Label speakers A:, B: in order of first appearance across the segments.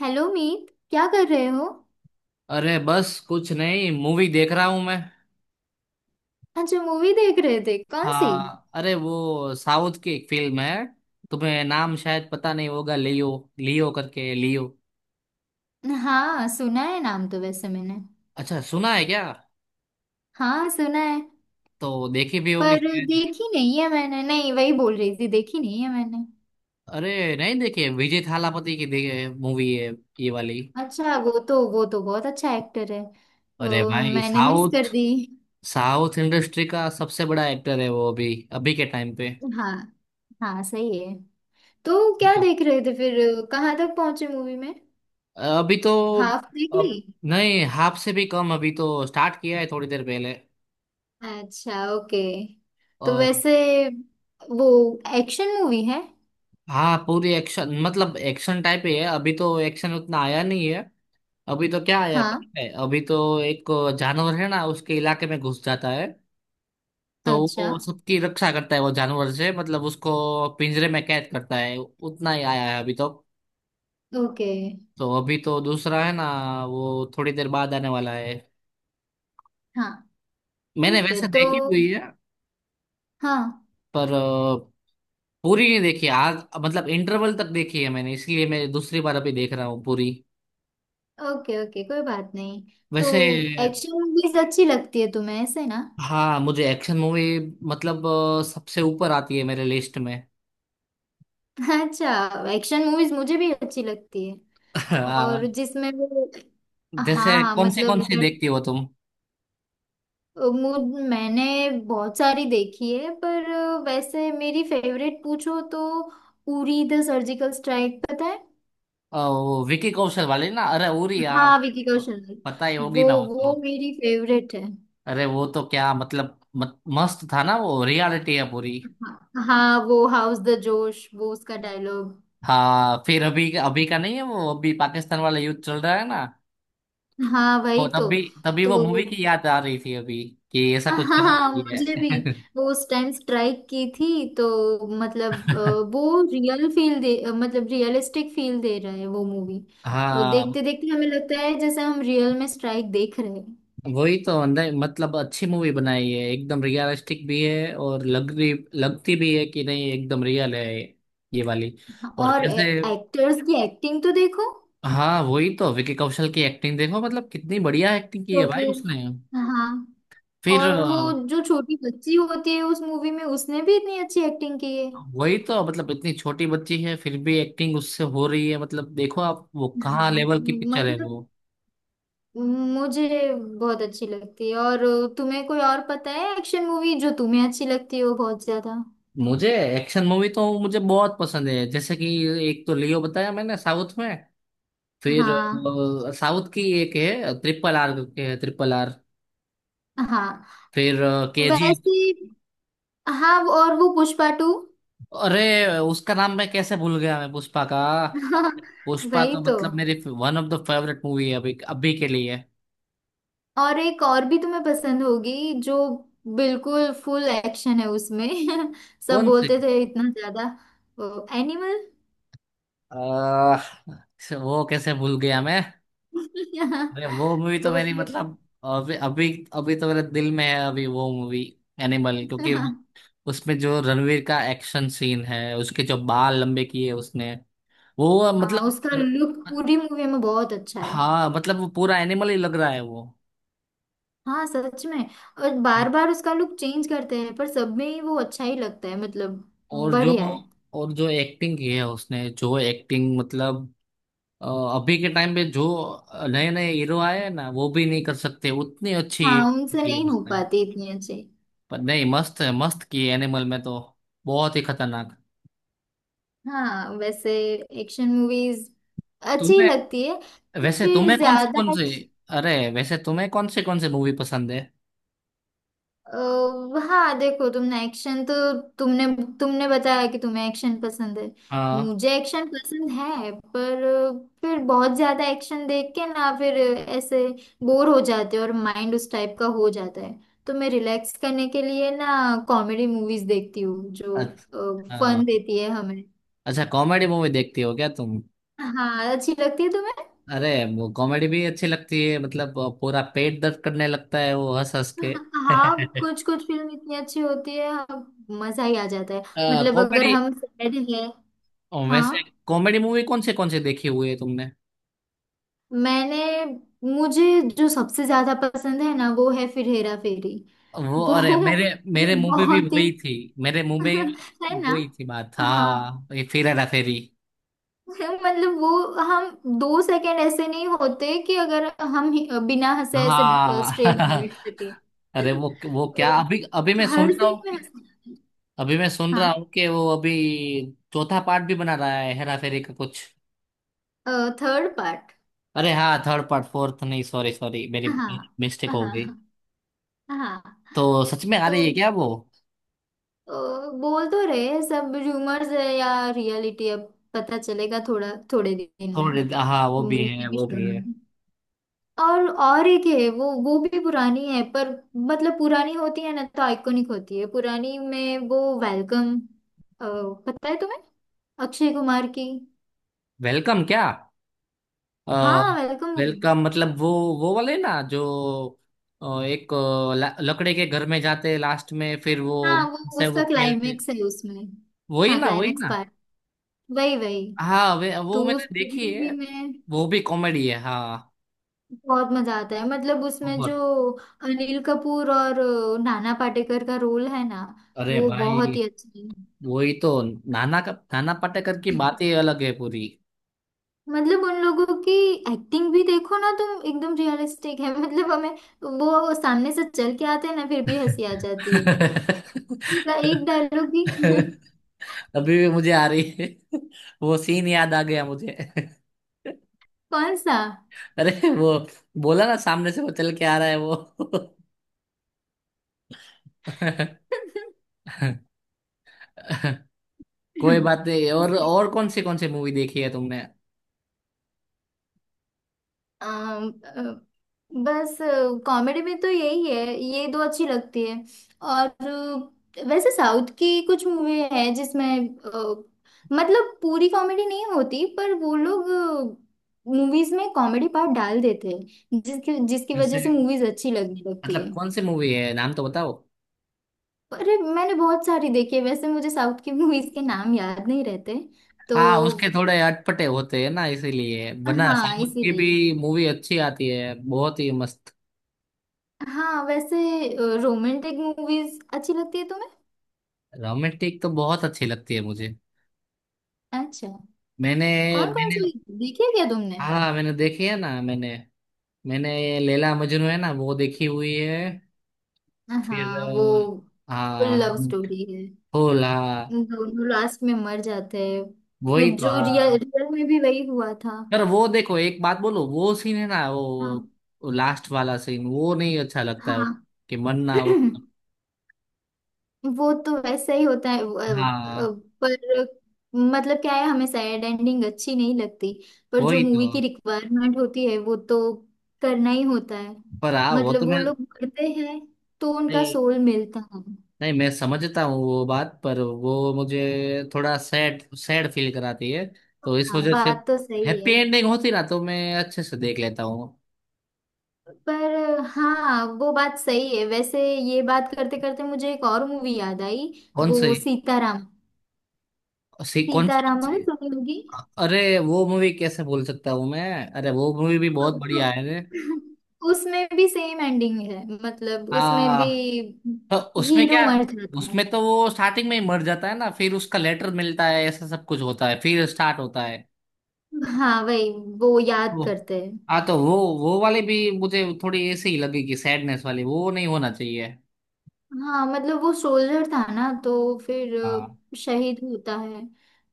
A: Hello Meet, क्या कर रहे हो?
B: अरे बस कुछ नहीं, मूवी देख रहा हूं मैं।
A: अच्छा, मूवी देख रहे थे? कौन सी?
B: हाँ, अरे वो साउथ की एक फिल्म है। तुम्हें नाम शायद पता नहीं होगा, लियो। लियो करके लियो।
A: हाँ, सुना है नाम तो वैसे मैंने।
B: अच्छा, सुना है क्या?
A: हाँ, सुना है।
B: तो देखी भी होगी
A: पर
B: शायद।
A: देखी नहीं है मैंने, नहीं वही बोल रही थी, देखी नहीं है मैंने।
B: अरे नहीं, देखी है, विजय थालापति की देखे मूवी है ये वाली।
A: अच्छा, वो तो बहुत अच्छा एक्टर है,
B: अरे
A: तो
B: भाई
A: मैंने मिस
B: साउथ।
A: कर दी।
B: साउथ इंडस्ट्री का सबसे बड़ा एक्टर है वो अभी अभी के टाइम पे।
A: हाँ। हाँ, सही है। तो क्या
B: तो-
A: देख रहे थे फिर? कहाँ तक पहुंचे मूवी में?
B: अभी तो।
A: हाफ देख ली?
B: अब, नहीं, हाफ से भी कम, अभी तो स्टार्ट किया है थोड़ी देर पहले।
A: अच्छा, ओके। तो
B: और।
A: वैसे वो एक्शन मूवी है?
B: हाँ, पूरी एक्शन, मतलब एक्शन टाइप ही है, अभी तो एक्शन उतना आया नहीं है। अभी तो क्या आया है
A: हाँ।
B: पता है? अभी तो एक जानवर है ना, उसके इलाके में घुस जाता है, तो
A: अच्छा,
B: वो सबकी रक्षा करता है वो जानवर से, मतलब उसको पिंजरे में कैद करता है, उतना ही आया है अभी तो।
A: ओके।
B: तो अभी तो दूसरा है ना, वो थोड़ी देर बाद आने वाला है।
A: हाँ,
B: मैंने
A: ठीक है
B: वैसे
A: तो।
B: देखी हुई है।
A: हाँ।
B: पर पूरी नहीं देखी आज, मतलब इंटरवल तक देखी है मैंने, इसलिए मैं दूसरी बार अभी देख रहा हूँ पूरी।
A: ओके ओके, कोई बात नहीं। तो
B: वैसे।
A: एक्शन मूवीज अच्छी लगती है तुम्हें ऐसे ना?
B: हाँ, मुझे एक्शन मूवी, मतलब सबसे ऊपर आती है मेरे लिस्ट में।
A: अच्छा। एक्शन मूवीज मुझे भी अच्छी लगती है। और
B: आ,
A: जिसमें वो, हाँ।
B: जैसे
A: हाँ मतलब
B: कौन सी देखती हो तुम?
A: मैंने बहुत सारी देखी है, पर वैसे मेरी फेवरेट पूछो तो उरी द सर्जिकल स्ट्राइक, पता है?
B: वो विकी कौशल वाली ना, अरे उरी,
A: हाँ,
B: आप
A: विकी कौशल।
B: पता ही होगी ना वो
A: वो
B: तो।
A: मेरी फेवरेट है।
B: अरे वो तो क्या, मतलब मत, मस्त था ना वो, रियलिटी है पूरी।
A: हाँ हाँ, वो हाउस द जोश वो उसका डायलॉग।
B: हाँ, फिर अभी अभी का नहीं है वो, अभी पाकिस्तान वाला युद्ध चल रहा है ना,
A: हाँ
B: तो
A: वही
B: तब
A: तो।
B: भी तभी वो मूवी
A: तो
B: की याद आ रही थी अभी, कि ऐसा
A: हाँ,
B: कुछ करना
A: हाँ मुझे
B: चाहिए।
A: भी। वो उस टाइम स्ट्राइक की थी तो मतलब वो रियल फील दे, मतलब रियलिस्टिक फील दे रहा है वो मूवी।
B: हाँ
A: देखते देखते हमें लगता है जैसे हम रियल में स्ट्राइक देख रहे हैं।
B: वही तो, अंदर मतलब अच्छी मूवी बनाई है, एकदम रियलिस्टिक भी है, और लग रही लगती भी है कि नहीं, एकदम रियल है ये वाली। और
A: और
B: कैसे?
A: एक्टर्स की एक्टिंग तो देखो।
B: हाँ वही तो, विकी कौशल की एक्टिंग देखो, मतलब कितनी बढ़िया एक्टिंग की है
A: तो
B: भाई
A: फिर
B: उसने।
A: हाँ।
B: फिर
A: और वो जो छोटी बच्ची होती है उस मूवी में, उसने भी इतनी अच्छी एक्टिंग की है।
B: वही तो, मतलब इतनी छोटी बच्ची है फिर भी एक्टिंग उससे हो रही है, मतलब देखो आप, वो कहाँ
A: हाँ,
B: लेवल की पिक्चर है
A: मतलब
B: वो।
A: मुझे बहुत अच्छी लगती है। और तुम्हें कोई और पता है एक्शन मूवी जो तुम्हें अच्छी लगती हो बहुत ज्यादा?
B: मुझे एक्शन मूवी तो मुझे बहुत पसंद है, जैसे कि एक तो लियो बताया मैंने साउथ में। फिर
A: हाँ।
B: साउथ की एक है ट्रिपल आर, के है ट्रिपल आर।
A: हाँ
B: फिर केजी।
A: वैसे। हाँ, और वो पुष्पा टू।
B: अरे उसका नाम मैं कैसे भूल गया मैं, पुष्पा का।
A: हाँ,
B: पुष्पा
A: वही
B: तो
A: तो।
B: मतलब मेरी one of the favourite movie है अभी अभी के लिए।
A: और एक और भी तुम्हें पसंद होगी जो बिल्कुल फुल एक्शन है उसमें। सब
B: कौन सी?
A: बोलते थे इतना ज्यादा। एनिमल।
B: अ, वो कैसे भूल गया मैं। अरे वो मूवी तो
A: तो
B: मेरी,
A: फिर।
B: मतलब अभी अभी अभी तो मेरे दिल में है अभी वो मूवी, एनिमल, क्योंकि उसमें जो रणवीर का एक्शन सीन है, उसके जो बाल लंबे किए उसने, वो
A: हाँ,
B: मतलब।
A: उसका लुक पूरी मूवी में बहुत अच्छा है।
B: हाँ, मतलब वो पूरा एनिमल ही लग रहा है वो।
A: हाँ सच में। और
B: नहीं।
A: बार बार उसका लुक चेंज करते हैं पर सब में ही वो अच्छा ही लगता है मतलब।
B: और जो
A: बढ़िया है।
B: और जो एक्टिंग की है उसने, जो एक्टिंग मतलब अ, अभी के टाइम पे जो नए नए हीरो आए हैं ना, वो भी नहीं कर सकते उतनी अच्छी
A: हाँ उनसे
B: की है
A: नहीं हो
B: उसने।
A: पाती इतनी अच्छी।
B: पर नहीं, मस्त है, मस्त की है। एनिमल में तो बहुत ही खतरनाक।
A: हाँ वैसे एक्शन मूवीज अच्छी
B: तुम्हें
A: लगती है।
B: वैसे,
A: फिर
B: तुम्हें कौन सी
A: ज्यादा
B: कौन सी? अरे वैसे तुम्हें कौन सी मूवी पसंद है?
A: अ, हाँ देखो, तुमने एक्शन तो, तुमने तुमने बताया कि तुम्हें एक्शन पसंद है।
B: हाँ।
A: मुझे एक्शन पसंद है, पर फिर बहुत ज्यादा एक्शन देख के ना फिर ऐसे बोर हो जाते हो और माइंड उस टाइप का हो जाता है। तो मैं रिलैक्स करने के लिए ना कॉमेडी मूवीज देखती हूँ जो
B: अच्छा।
A: फन
B: हाँ।
A: देती है हमें।
B: अच्छा, कॉमेडी मूवी देखती हो क्या तुम?
A: हाँ, अच्छी लगती है तुम्हें?
B: अरे वो कॉमेडी भी अच्छी लगती है, मतलब पूरा पेट दर्द करने लगता है वो हंस हंस के।
A: हाँ, कुछ कुछ फिल्म इतनी अच्छी होती है, हाँ, मजा ही आ जाता है। मतलब अगर
B: कॉमेडी।
A: हम सैड हैं, हाँ।
B: वैसे कॉमेडी मूवी कौन से देखी हुई है तुमने?
A: मैंने मुझे जो सबसे ज्यादा पसंद है ना, वो है फिर हेरा फेरी।
B: वो,
A: वो
B: अरे मेरे
A: वो
B: मेरे मुंह पे भी
A: बहुत ही
B: वही थी। मेरे मुंह में
A: है ना।
B: वही थी बात
A: हाँ।
B: हाँ, ये फिर हेरा फेरी।
A: मतलब वो, हम दो सेकंड ऐसे नहीं होते कि अगर बिना हंसे ऐसे स्ट्रेट
B: हाँ।
A: बैठ सके।
B: अरे वो क्या, अभी अभी मैं सुन
A: हर
B: रहा
A: सीन
B: हूँ
A: में
B: कि,
A: हंसना। हाँ,
B: वो अभी चौथा पार्ट भी बना रहा है हेरा फेरी का, कुछ।
A: Third part.
B: अरे हाँ, थर्ड पार्ट, फोर्थ नहीं, सॉरी सॉरी, मेरी
A: हाँ।
B: मिस्टेक हो गई।
A: हाँ। हाँ
B: तो सच में आ रही है
A: तो
B: क्या वो?
A: अ, बोल तो रहे हैं सब, रूमर्स है या रियलिटी, अब पता चलेगा थोड़ा थोड़े दिन में।
B: थोड़े, हाँ वो भी
A: मुझे
B: है
A: भी
B: वो
A: श्योर
B: भी
A: नहीं
B: है।
A: है। और एक है वो भी पुरानी है पर मतलब पुरानी होती है ना तो आइकॉनिक होती है, पुरानी में वो वेलकम, पता है तुम्हें? अक्षय कुमार की।
B: वेलकम क्या? आ,
A: हाँ, वेलकम मूवी।
B: वेलकम मतलब वो वाले ना जो एक लकड़े के घर में जाते लास्ट में, फिर वो
A: हाँ, वो
B: से वो
A: उसका
B: खेलते,
A: क्लाइमेक्स है उसमें।
B: वही
A: हाँ
B: ना वही
A: क्लाइमेक्स
B: ना।
A: पार्ट, वही वही।
B: हाँ, वे वो
A: तो उस
B: मैंने
A: पूरी
B: देखी है।
A: मूवी में
B: वो भी कॉमेडी है हाँ।
A: बहुत मजा आता है, मतलब उसमें जो
B: बहुत।
A: अनिल कपूर और नाना पाटेकर का रोल है ना,
B: अरे
A: वो बहुत
B: भाई,
A: ही अच्छी है।
B: वही तो, नाना पाटेकर की बात ही अलग है पूरी।
A: मतलब उन लोगों की एक्टिंग भी देखो ना तुम, एकदम रियलिस्टिक है। मतलब हमें वो सामने से चल के आते हैं ना फिर भी हंसी आ जाती है। उनका एक डायलॉग भी।
B: अभी भी मुझे आ रही है। वो सीन याद आ गया मुझे।
A: कौन सा?
B: अरे वो बोला ना सामने से वो चल के आ रहा है वो। कोई बात नहीं, और
A: सही।
B: और कौन सी मूवी देखी है तुमने?
A: अम, अ, बस कॉमेडी में तो यही है, ये दो अच्छी लगती है। और वैसे साउथ की कुछ मूवी है जिसमें मतलब पूरी कॉमेडी नहीं होती पर वो लोग मूवीज में कॉमेडी पार्ट डाल देते हैं, जिसकी जिसकी वजह
B: जैसे,
A: से मूवीज अच्छी लगने लगती
B: मतलब
A: है।
B: कौन सी मूवी है, नाम तो बताओ।
A: अरे मैंने बहुत सारी देखी है, वैसे मुझे साउथ की मूवीज के नाम याद नहीं रहते तो।
B: हाँ, उसके थोड़े अटपटे होते हैं ना, इसीलिए, वरना
A: हाँ,
B: साउथ की भी
A: इसीलिए।
B: मूवी अच्छी आती है, बहुत ही मस्त।
A: हाँ वैसे, रोमांटिक मूवीज अच्छी लगती है तुम्हें?
B: रोमांटिक तो बहुत अच्छी लगती है मुझे।
A: अच्छा,
B: मैंने
A: कौन कौन
B: मैंने
A: सी देखी है क्या तुमने?
B: हाँ मैंने देखी है ना, मैंने मैंने ये लैला मजनू है ना, वो देखी हुई है। फिर
A: हाँ, वो फुल
B: हाँ।
A: लव स्टोरी है।
B: फूल हाँ।
A: दोनों लास्ट में मर जाते हैं।
B: वही
A: फिर
B: तो
A: जो रियल
B: हाँ।
A: रियल में भी वही हुआ था।
B: यार वो देखो, एक बात बोलो, वो सीन है ना वो,
A: हाँ।
B: वो लास्ट वाला सीन, वो नहीं अच्छा लगता है
A: हाँ।
B: कि मन ना हो।
A: वो तो वैसा ही होता है
B: हाँ
A: पर मतलब क्या है, हमें सैड एंडिंग अच्छी नहीं लगती पर जो
B: वही तो।
A: मूवी की रिक्वायरमेंट होती है वो तो करना ही होता है।
B: पर हाँ, वो तो
A: मतलब वो
B: मैं
A: लोग मरते हैं तो उनका
B: नहीं,
A: सोल मिलता है।
B: नहीं मैं समझता हूँ वो बात, पर वो मुझे थोड़ा सैड सैड फील कराती है, तो इस
A: हाँ,
B: वजह से
A: बात तो सही
B: हैप्पी
A: है।
B: एंडिंग होती ना तो मैं अच्छे से देख लेता हूँ।
A: पर हाँ, वो बात सही है। वैसे ये बात करते करते मुझे एक और मूवी याद आई।
B: कौन सी?
A: वो सीताराम।
B: सी, कौन सी कौन
A: सीताराम
B: सी?
A: में सुनी होगी।
B: अरे वो मूवी कैसे भूल सकता हूँ मैं, अरे वो मूवी भी बहुत
A: अब तो
B: बढ़िया है।
A: उसमें भी सेम एंडिंग है, मतलब
B: रे,
A: उसमें भी
B: तो उसमें
A: हीरो
B: क्या है?
A: मर जाता है।
B: उसमें तो वो स्टार्टिंग में ही मर जाता है ना, फिर उसका लेटर मिलता है, ऐसा सब कुछ होता है, फिर स्टार्ट होता है
A: हाँ वही, वो याद
B: वो।
A: करते हैं।
B: हाँ, तो वो वाली भी मुझे थोड़ी ऐसे ही लगेगी, सैडनेस वाली वो नहीं होना चाहिए।
A: हाँ मतलब वो सोल्जर था ना तो फिर
B: हाँ
A: शहीद होता है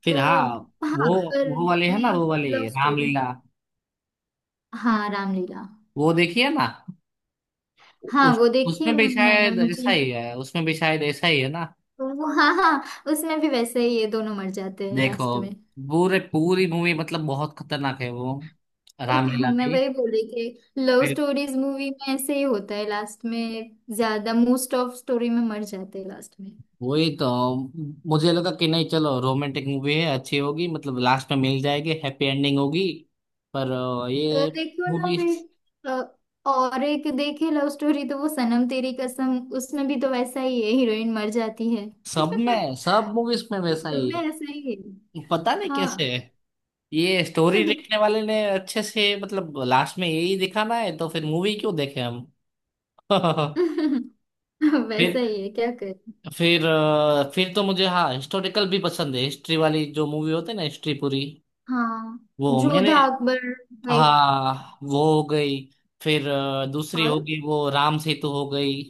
B: फिर
A: तो।
B: हाँ। वो
A: हाँ पर
B: वो वाले है ना
A: ये
B: वो वाली
A: लव स्टोरी।
B: रामलीला।
A: हाँ, रामलीला।
B: वो देखिए ना,
A: हाँ
B: उस
A: वो देखिए,
B: उसमें भी
A: मैंने
B: शायद ऐसा
A: मुझे,
B: ही है, उसमें भी शायद ऐसा ही है ना।
A: तो वो हाँ हाँ उसमें भी वैसे ही ये दोनों मर जाते हैं
B: देखो,
A: लास्ट में।
B: पूरे पूरी मूवी मतलब बहुत खतरनाक है वो, रामलीला
A: मैं
B: भी।
A: वही बोल रही थी, लव स्टोरीज मूवी में ऐसे ही होता है, लास्ट में ज्यादा मोस्ट ऑफ स्टोरी में मर जाते हैं लास्ट में।
B: वही तो, मुझे लगा कि नहीं चलो रोमांटिक मूवी है अच्छी होगी, मतलब लास्ट में मिल जाएगी, हैप्पी एंडिंग होगी, पर ये
A: देखो ना
B: मूवी
A: फिर और एक देखे लव स्टोरी तो वो सनम तेरी कसम, उसमें भी तो वैसा ही है, हीरोइन मर जाती है।
B: सब मूवीज में वैसा
A: तो
B: ही
A: मैं ऐसा ही है।
B: है, पता नहीं
A: हाँ।
B: कैसे है। ये स्टोरी लिखने वाले ने अच्छे से मतलब लास्ट में यही दिखाना है तो फिर मूवी क्यों देखे हम। फिर
A: वैसा ही है, क्या करें।
B: फिर फिर तो मुझे हाँ, हिस्टोरिकल भी पसंद है, हिस्ट्री वाली जो मूवी होती है ना, हिस्ट्री पूरी।
A: हाँ,
B: वो मैंने,
A: जोधा अकबर टाइप।
B: हाँ वो हो गई। फिर दूसरी हो
A: और
B: गई वो राम सेतु हो गई।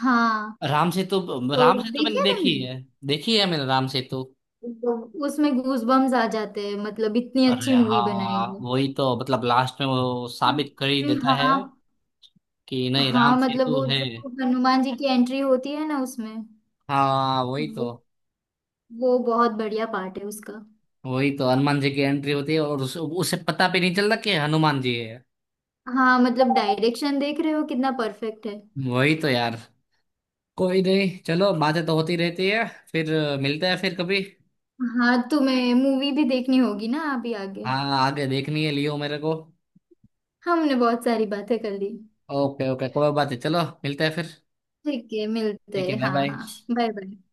A: हाँ,
B: राम सेतु,
A: तो
B: राम सेतु मैंने
A: देखिए
B: देखी
A: तुमने।
B: है, देखी है मैंने राम सेतु।
A: वो- उसमें गूजबम्स आ जाते हैं, मतलब इतनी
B: अरे
A: अच्छी मूवी बनाई
B: हाँ,
A: है।
B: वही तो, मतलब लास्ट में वो साबित कर ही
A: अरे
B: देता है
A: हाँ।
B: कि नहीं राम
A: हाँ मतलब
B: सेतु
A: वो
B: है।
A: जो हनुमान जी की एंट्री होती है ना उसमें,
B: हाँ, वही
A: वो
B: तो
A: वो बहुत बढ़िया पार्ट है उसका।
B: वही तो हनुमान जी की एंट्री होती है, और उसे पता भी नहीं चलता कि हनुमान जी है।
A: हाँ मतलब डायरेक्शन देख रहे हो कितना परफेक्ट है।
B: वही तो यार। कोई नहीं, चलो, बातें तो होती रहती है। फिर मिलते हैं फिर कभी।
A: हाँ, तुम्हें मूवी भी देखनी होगी ना अभी आगे।
B: हाँ, आगे देखनी है लियो मेरे को।
A: हमने बहुत सारी बातें कर ली।
B: ओके ओके, कोई बात है, चलो मिलते हैं फिर।
A: ठीक है, मिलते
B: ठीक है,
A: हैं।
B: बाय
A: हाँ
B: बाय।
A: हाँ, बाय बाय।